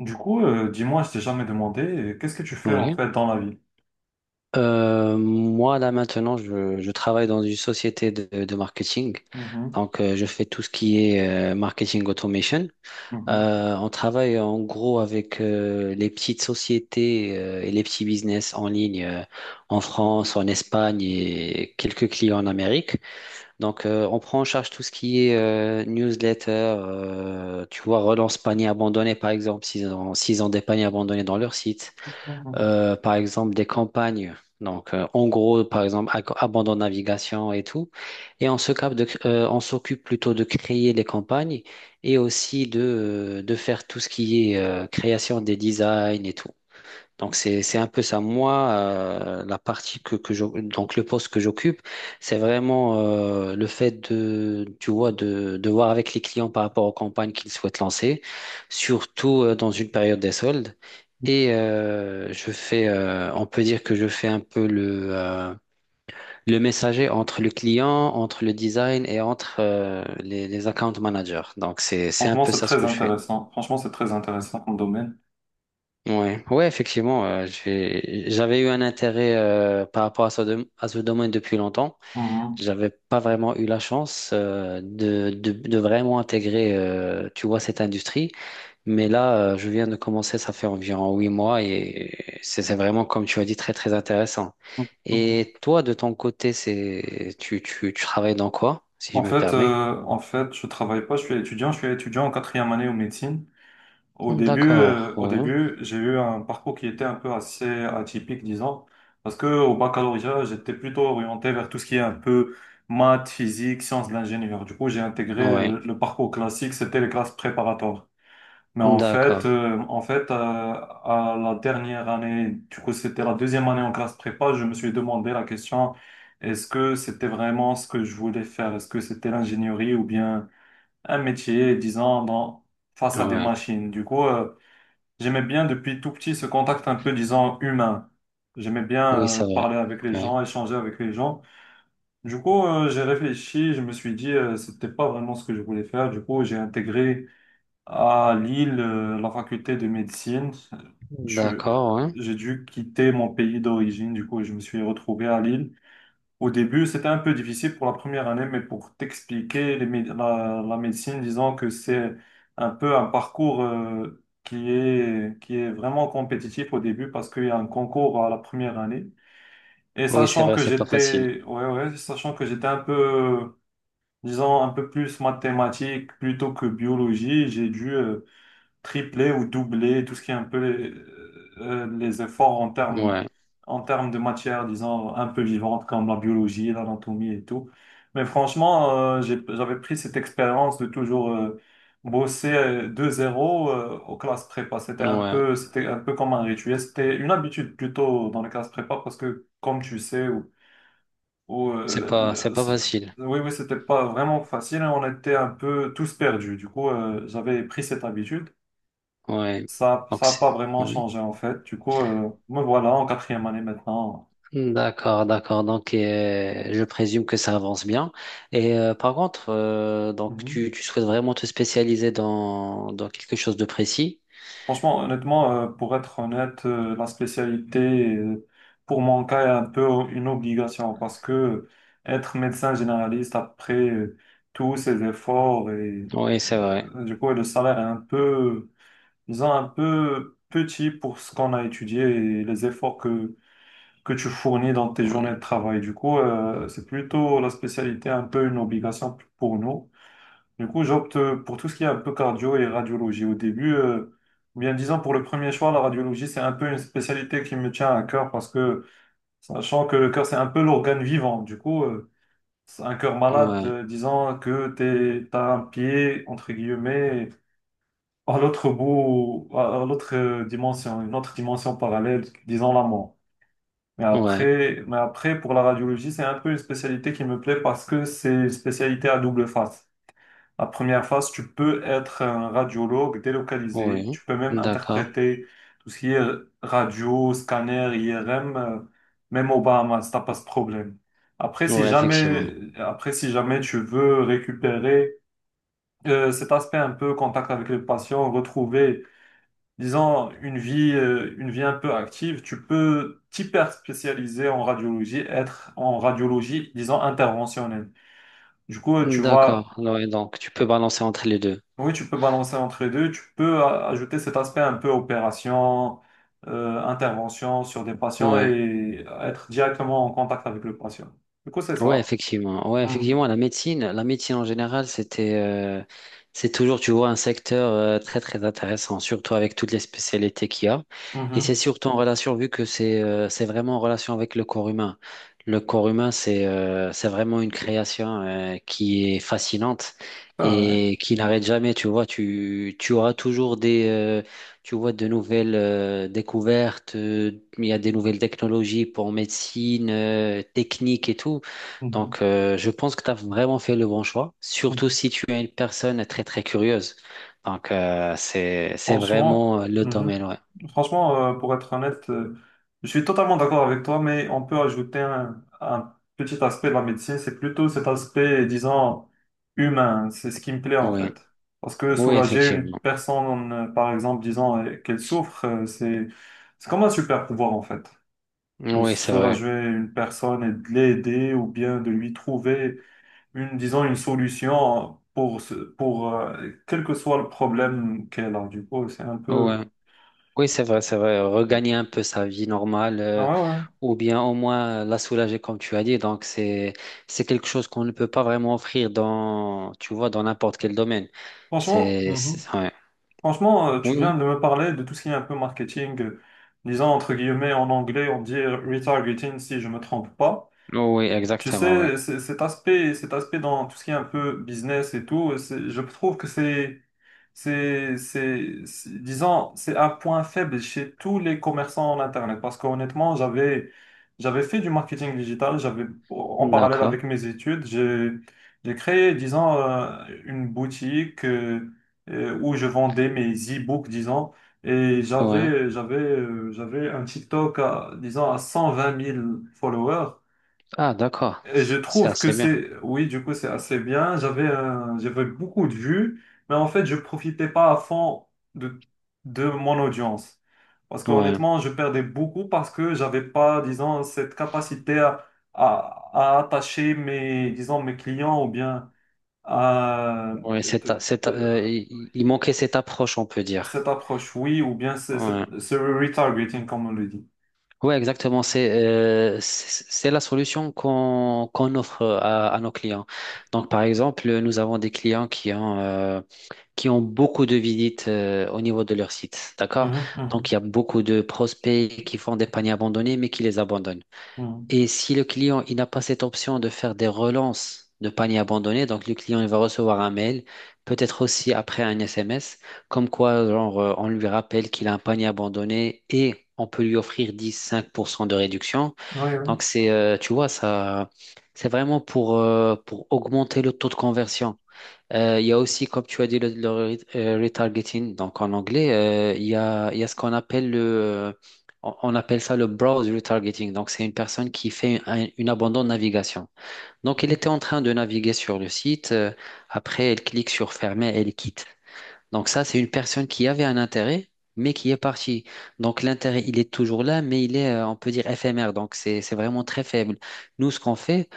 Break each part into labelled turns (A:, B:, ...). A: Du coup, dis-moi, je t'ai jamais demandé, qu'est-ce que tu fais en
B: Oui.
A: fait dans la vie?
B: Moi, là, maintenant, je travaille dans une société de marketing.
A: Mhm,
B: Donc, je fais tout ce qui est marketing automation.
A: mhm,
B: On travaille en gros avec les petites sociétés et les petits business en ligne en France, en Espagne et quelques clients en Amérique. Donc, on prend en charge tout ce qui est newsletter, tu vois, relance panier abandonné, par exemple, s'ils ont des paniers abandonnés dans leur site
A: mhm.
B: par exemple des campagnes. Donc, en gros, par exemple, abandon de navigation et tout. Et on s'occupe plutôt de créer les campagnes et aussi de faire tout ce qui est création des designs et tout. Donc c'est un peu ça. Moi, la partie donc le poste que j'occupe, c'est vraiment le fait de tu vois de voir avec les clients par rapport aux campagnes qu'ils souhaitent lancer, surtout dans une période des soldes. Et je fais, on peut dire que je fais un peu le messager entre le client, entre le design et entre les account managers. Donc c'est un
A: Franchement,
B: peu
A: c'est
B: ça ce
A: très
B: que je fais.
A: intéressant. Franchement, c'est très intéressant comme domaine.
B: Ouais, ouais, effectivement, j'avais eu un intérêt par rapport à à ce domaine depuis longtemps.
A: Mhm,
B: J'avais pas vraiment eu la chance de vraiment intégrer, tu vois, cette industrie. Mais là, je viens de commencer, ça fait environ 8 mois et c'est vraiment, comme tu as dit, très, très intéressant.
A: mhm, mhm.
B: Et toi, de ton côté, c'est tu travailles dans quoi, si je
A: En
B: me
A: fait,
B: permets?
A: euh, en fait, je travaille pas, je suis étudiant en quatrième année en médecine. Au début,
B: D'accord,
A: euh, au
B: ouais,
A: début, j'ai eu un parcours qui était un peu assez atypique, disons, parce que au baccalauréat, j'étais plutôt orienté vers tout ce qui est un peu maths, physique, sciences de l'ingénieur. Du coup, j'ai intégré
B: ouais,
A: le parcours classique, c'était les classes préparatoires. Mais en fait,
B: d'accord,
A: euh, en fait, euh, à la dernière année, du coup, c'était la deuxième année en classe prépa, je me suis demandé la question, est-ce que c'était vraiment ce que je voulais faire? Est-ce que c'était l'ingénierie ou bien un métier, disons, dans, face à des
B: ouais,
A: machines? Du coup, j'aimais bien depuis tout petit ce contact un peu, disons, humain. J'aimais
B: oui,
A: bien,
B: c'est vrai,
A: parler avec les
B: ouais,
A: gens, échanger avec les gens. Du coup, j'ai réfléchi, je me suis dit, c'était pas vraiment ce que je voulais faire. Du coup, j'ai intégré à Lille, la faculté de médecine, je-
B: d'accord, ouais.
A: j'ai dû quitter mon pays d'origine, du coup, je me suis retrouvé à Lille. Au début, c'était un peu difficile pour la première année, mais pour t'expliquer, la médecine, disons que c'est un peu un parcours qui est vraiment compétitif au début parce qu'il y a un concours à la première année. Et
B: Oui, c'est
A: sachant
B: vrai,
A: que
B: c'est pas facile.
A: j'étais, ouais, ouais, sachant que j'étais un peu, disons, un peu plus mathématique plutôt que biologie, j'ai dû tripler ou doubler tout ce qui est un peu les efforts
B: Ouais,
A: en termes de matières, disons, un peu vivantes comme la biologie, l'anatomie et tout. Mais franchement, j'ai- j'avais pris cette expérience de toujours bosser de zéro aux classes prépa.
B: ouais,
A: C'était un peu comme un rituel. C'était une habitude plutôt dans les classes prépa parce que, comme tu sais, ou,
B: c'est
A: euh,
B: pas, c'est
A: le-
B: pas
A: c'est-
B: facile.
A: oui, oui, c'était pas vraiment facile. On était un peu tous perdus. Du coup, j'avais pris cette habitude.
B: Ouais.
A: Ça,
B: Donc,
A: ça n'a pas vraiment
B: ouais.
A: changé en fait. Du coup, me voilà en quatrième année maintenant.
B: D'accord, d'accord. Donc, je présume que ça avance bien. Et par contre, donc,
A: Mhm.
B: tu souhaites vraiment te spécialiser dans quelque chose de précis?
A: Honnêtement, pour être honnête, la spécialité, euh, pour mon cas, est un peu une obligation parce que être médecin généraliste après tous ces efforts et
B: Oui, c'est vrai.
A: euh, du coup, le salaire est un peu, disons, un peu petit pour ce qu'on a étudié et les efforts que tu fournis dans tes
B: Ouais,
A: journées de travail. Du coup, c'est plutôt la spécialité, un peu une obligation pour nous. Du coup, j'opte pour tout ce qui est un peu cardio et radiologie. Au début, ou bien disons pour le premier choix, la radiologie, c'est un peu une spécialité qui me tient à cœur parce que, sachant que le cœur, c'est un peu l'organe vivant. Du coup, c'est un cœur malade,
B: ouais,
A: disons que t'es, t'as un pied, entre guillemets, à l'autre bout, à l'autre dimension, une autre dimension parallèle, disons la mort.
B: ouais,
A: Mais après, pour la radiologie, c'est un peu une spécialité qui me plaît parce que c'est une spécialité à double face. La première phase, tu peux être un radiologue délocalisé. Tu
B: oui.
A: peux même
B: D'accord.
A: interpréter tout ce qui est radio, scanner, IRM, même au Bahamas, t'as pas ce problème.
B: Oui, effectivement.
A: Après, si jamais tu veux récupérer cet aspect un peu contact avec les patients, retrouver, disons, une vie un peu active, tu peux t'hyper spécialiser en radiologie, être en radiologie, disons, interventionnelle. Du coup, tu vas.
B: D'accord. Ouais, donc, tu peux balancer entre les deux.
A: Oui, tu peux balancer entre les deux. Tu peux ajouter cet aspect un peu opération, intervention sur des patients
B: Ouais.
A: et être directement en contact avec le patient. Du coup, c'est
B: Ouais,
A: ça.
B: effectivement. Ouais,
A: Mhm.
B: effectivement, la médecine en général, c'est toujours, tu vois, un secteur très très intéressant, surtout avec toutes les spécialités qu'il y a. Et c'est
A: Mhm.
B: surtout en relation, vu que c'est vraiment en relation avec le corps humain. Le corps humain, c'est vraiment une création qui est fascinante
A: C'est vrai.
B: et qui n'arrête jamais. Tu vois, tu auras toujours tu vois, de nouvelles découvertes. Il y a des nouvelles technologies pour médecine, technique et tout.
A: Mhm.
B: Donc, je pense que tu as vraiment fait le bon choix, surtout
A: Mhm.
B: si tu es une personne très, très curieuse. Donc, c'est
A: Franchement.
B: vraiment le
A: Mhm.
B: domaine, ouais.
A: Franchement, pour être honnête, je suis totalement d'accord avec toi, mais on peut ajouter un petit aspect de la médecine, c'est plutôt cet aspect, disons, humain. C'est ce qui me plaît en
B: Oui,
A: fait. Parce que
B: oui,
A: soulager une
B: effectivement.
A: personne, par exemple, disant qu'elle souffre, c'est comme un super pouvoir en fait. De
B: Oui, c'est vrai.
A: soulager une personne et de l'aider ou bien de lui trouver une, disons, une solution pour, pour quel que soit le problème qu'elle a. Du coup, c'est un
B: Ouais.
A: peu...
B: Oui, c'est vrai, c'est vrai. Regagner un peu sa vie normale,
A: Ah ouais, ouais.
B: ou bien au moins la soulager, comme tu as dit. Donc, c'est quelque chose qu'on ne peut pas vraiment offrir tu vois, dans n'importe quel domaine.
A: Franchement, mhm.
B: Ouais.
A: Franchement, tu
B: Oui,
A: viens
B: oui.
A: de me parler de tout ce qui est un peu marketing, disons entre guillemets en anglais, on dit retargeting si je me trompe pas.
B: Oui, exactement, oui.
A: Cet aspect dans tout ce qui est un peu business et tout, je trouve que disons, c'est un point faible chez tous les commerçants en Internet. Parce qu'honnêtement, j'avais fait du marketing digital, en parallèle
B: D'accord.
A: avec mes études, j'ai créé, disons, une boutique où je vendais mes e-books, disons. Et
B: Ouais.
A: j'avais un TikTok à, disons, à 120 000 followers.
B: Ah, d'accord.
A: Et je
B: C'est
A: trouve que
B: assez bien.
A: c'est, oui, du coup, c'est assez bien. J'avais beaucoup de vues, mais en fait, je profitais pas à fond de, de mon audience. Parce
B: Ouais.
A: qu'honnêtement, je perdais beaucoup parce que j'avais pas, disons, cette capacité à attacher mes, disons, mes clients ou bien à
B: Ouais,
A: de- de-
B: il manquait cette approche, on peut
A: cette
B: dire.
A: approche, oui, ou bien
B: Ouais.
A: ce retargeting, comme on le dit.
B: Ouais, exactement. C'est la solution qu'on offre à nos clients. Donc, par exemple, nous avons des clients qui ont beaucoup de visites au niveau de leur site. D'accord?
A: Mhm,
B: Donc,
A: mhm,
B: il y a beaucoup de prospects qui font des paniers abandonnés, mais qui les abandonnent.
A: mhm.
B: Et si le client il n'a pas cette option de faire des relances de panier abandonné, donc le client il va recevoir un mail, peut-être aussi après un SMS, comme quoi genre, on lui rappelle qu'il a un panier abandonné et on peut lui offrir 10-5% de réduction.
A: Oui,
B: Donc c'est tu vois ça c'est vraiment pour augmenter le taux de conversion. Il y a aussi, comme tu as dit, le retargeting. Donc en anglais, il y a ce qu'on appelle le, on appelle ça le browse retargeting. Donc c'est une personne qui fait une abandon de navigation. Donc elle
A: oui.
B: était en train de naviguer sur le site. Après, elle clique sur fermer, elle quitte. Donc ça, c'est une personne qui avait un intérêt, mais qui est partie. Donc l'intérêt, il est toujours là, mais il est, on peut dire, éphémère. Donc c'est vraiment très faible. Nous, ce qu'on fait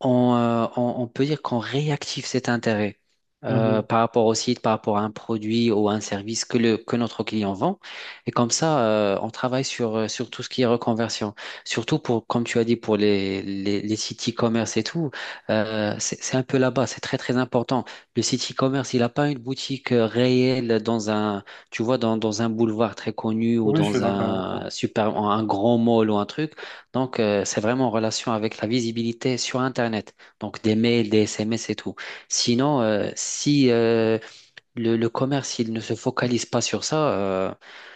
B: on peut dire qu'on réactive cet intérêt
A: Mhm.
B: par rapport au site, par rapport à un produit ou à un service que notre client vend. Et comme ça, on travaille sur tout ce qui est reconversion. Surtout pour, comme tu as dit, pour les sites e-commerce et tout, c'est un peu là-bas, c'est très très important. Le site e-commerce, il n'a pas une boutique réelle tu vois, dans un boulevard très connu ou
A: Oui, je suis
B: dans un
A: d'accord.
B: super, un grand mall ou un truc. Donc, c'est vraiment en relation avec la visibilité sur Internet. Donc, des mails, des SMS et tout. Sinon, si le commerce, il ne se focalise pas sur ça,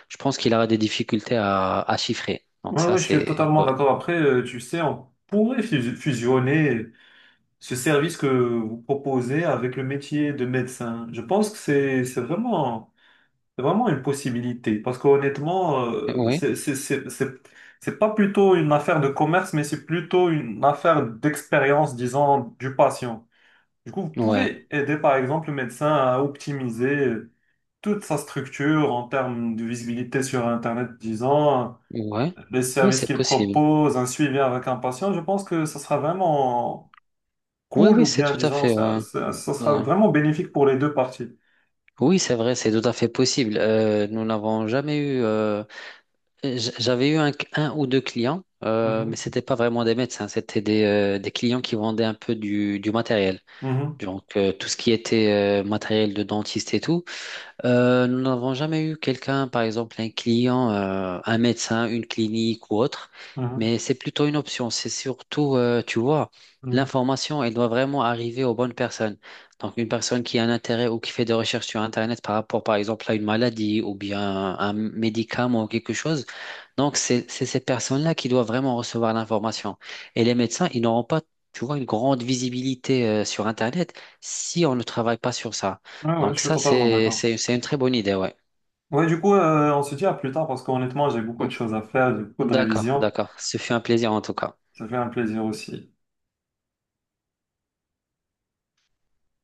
B: je pense qu'il aura des difficultés à chiffrer. Donc,
A: Ouais,
B: ça,
A: ouais, je suis
B: c'est...
A: totalement
B: Ouais.
A: d'accord. Après, tu sais, on pourrait fusionner ce service que vous proposez avec le métier de médecin. Je pense que c'est vraiment une possibilité parce qu'honnêtement,
B: Oui,
A: c'est pas plutôt une affaire de commerce, mais c'est plutôt une affaire d'expérience, disons, du patient. Du coup, vous
B: ouais,
A: pouvez aider par exemple le médecin à optimiser toute sa structure en termes de visibilité sur Internet, disons
B: ouais.
A: les
B: Oui,
A: services
B: c'est
A: qu'ils
B: possible.
A: proposent, un suivi avec un patient, je pense que ça sera vraiment
B: Oui,
A: cool
B: oui,
A: ou
B: c'est
A: bien,
B: tout à
A: disons,
B: fait... Ouais,
A: ça sera
B: ouais.
A: vraiment bénéfique pour les deux parties.
B: Oui, c'est vrai, c'est tout à fait possible. Nous n'avons jamais eu. J'avais eu un ou deux clients,
A: Mhm,
B: mais c'était pas vraiment des médecins, c'était des clients qui vendaient un peu du matériel.
A: mhm,
B: Donc, tout ce qui était matériel de dentiste et tout. Nous n'avons jamais eu quelqu'un, par exemple un client, un médecin, une clinique ou autre,
A: mhm,
B: mais c'est plutôt une option. C'est surtout, tu vois,
A: mhm.
B: l'information, elle doit vraiment arriver aux bonnes personnes. Donc une personne qui a un intérêt ou qui fait des recherches sur Internet par rapport, par exemple, à une maladie ou bien un médicament ou quelque chose. Donc c'est ces personnes-là qui doivent vraiment recevoir l'information. Et les médecins, ils n'auront pas, tu vois, une grande visibilité, sur Internet si on ne travaille pas sur ça.
A: Ouais, ouais, je
B: Donc
A: suis
B: ça,
A: totalement
B: c'est,
A: d'accord.
B: c'est, c'est une très bonne idée, ouais.
A: Ouais, du coup, on se dit à plus tard parce qu'honnêtement, j'ai beaucoup de
B: Oh,
A: choses à faire, j'ai beaucoup de
B: d'accord,
A: révisions.
B: d'accord. Ce fut un plaisir en tout cas.
A: Ça fait un plaisir aussi.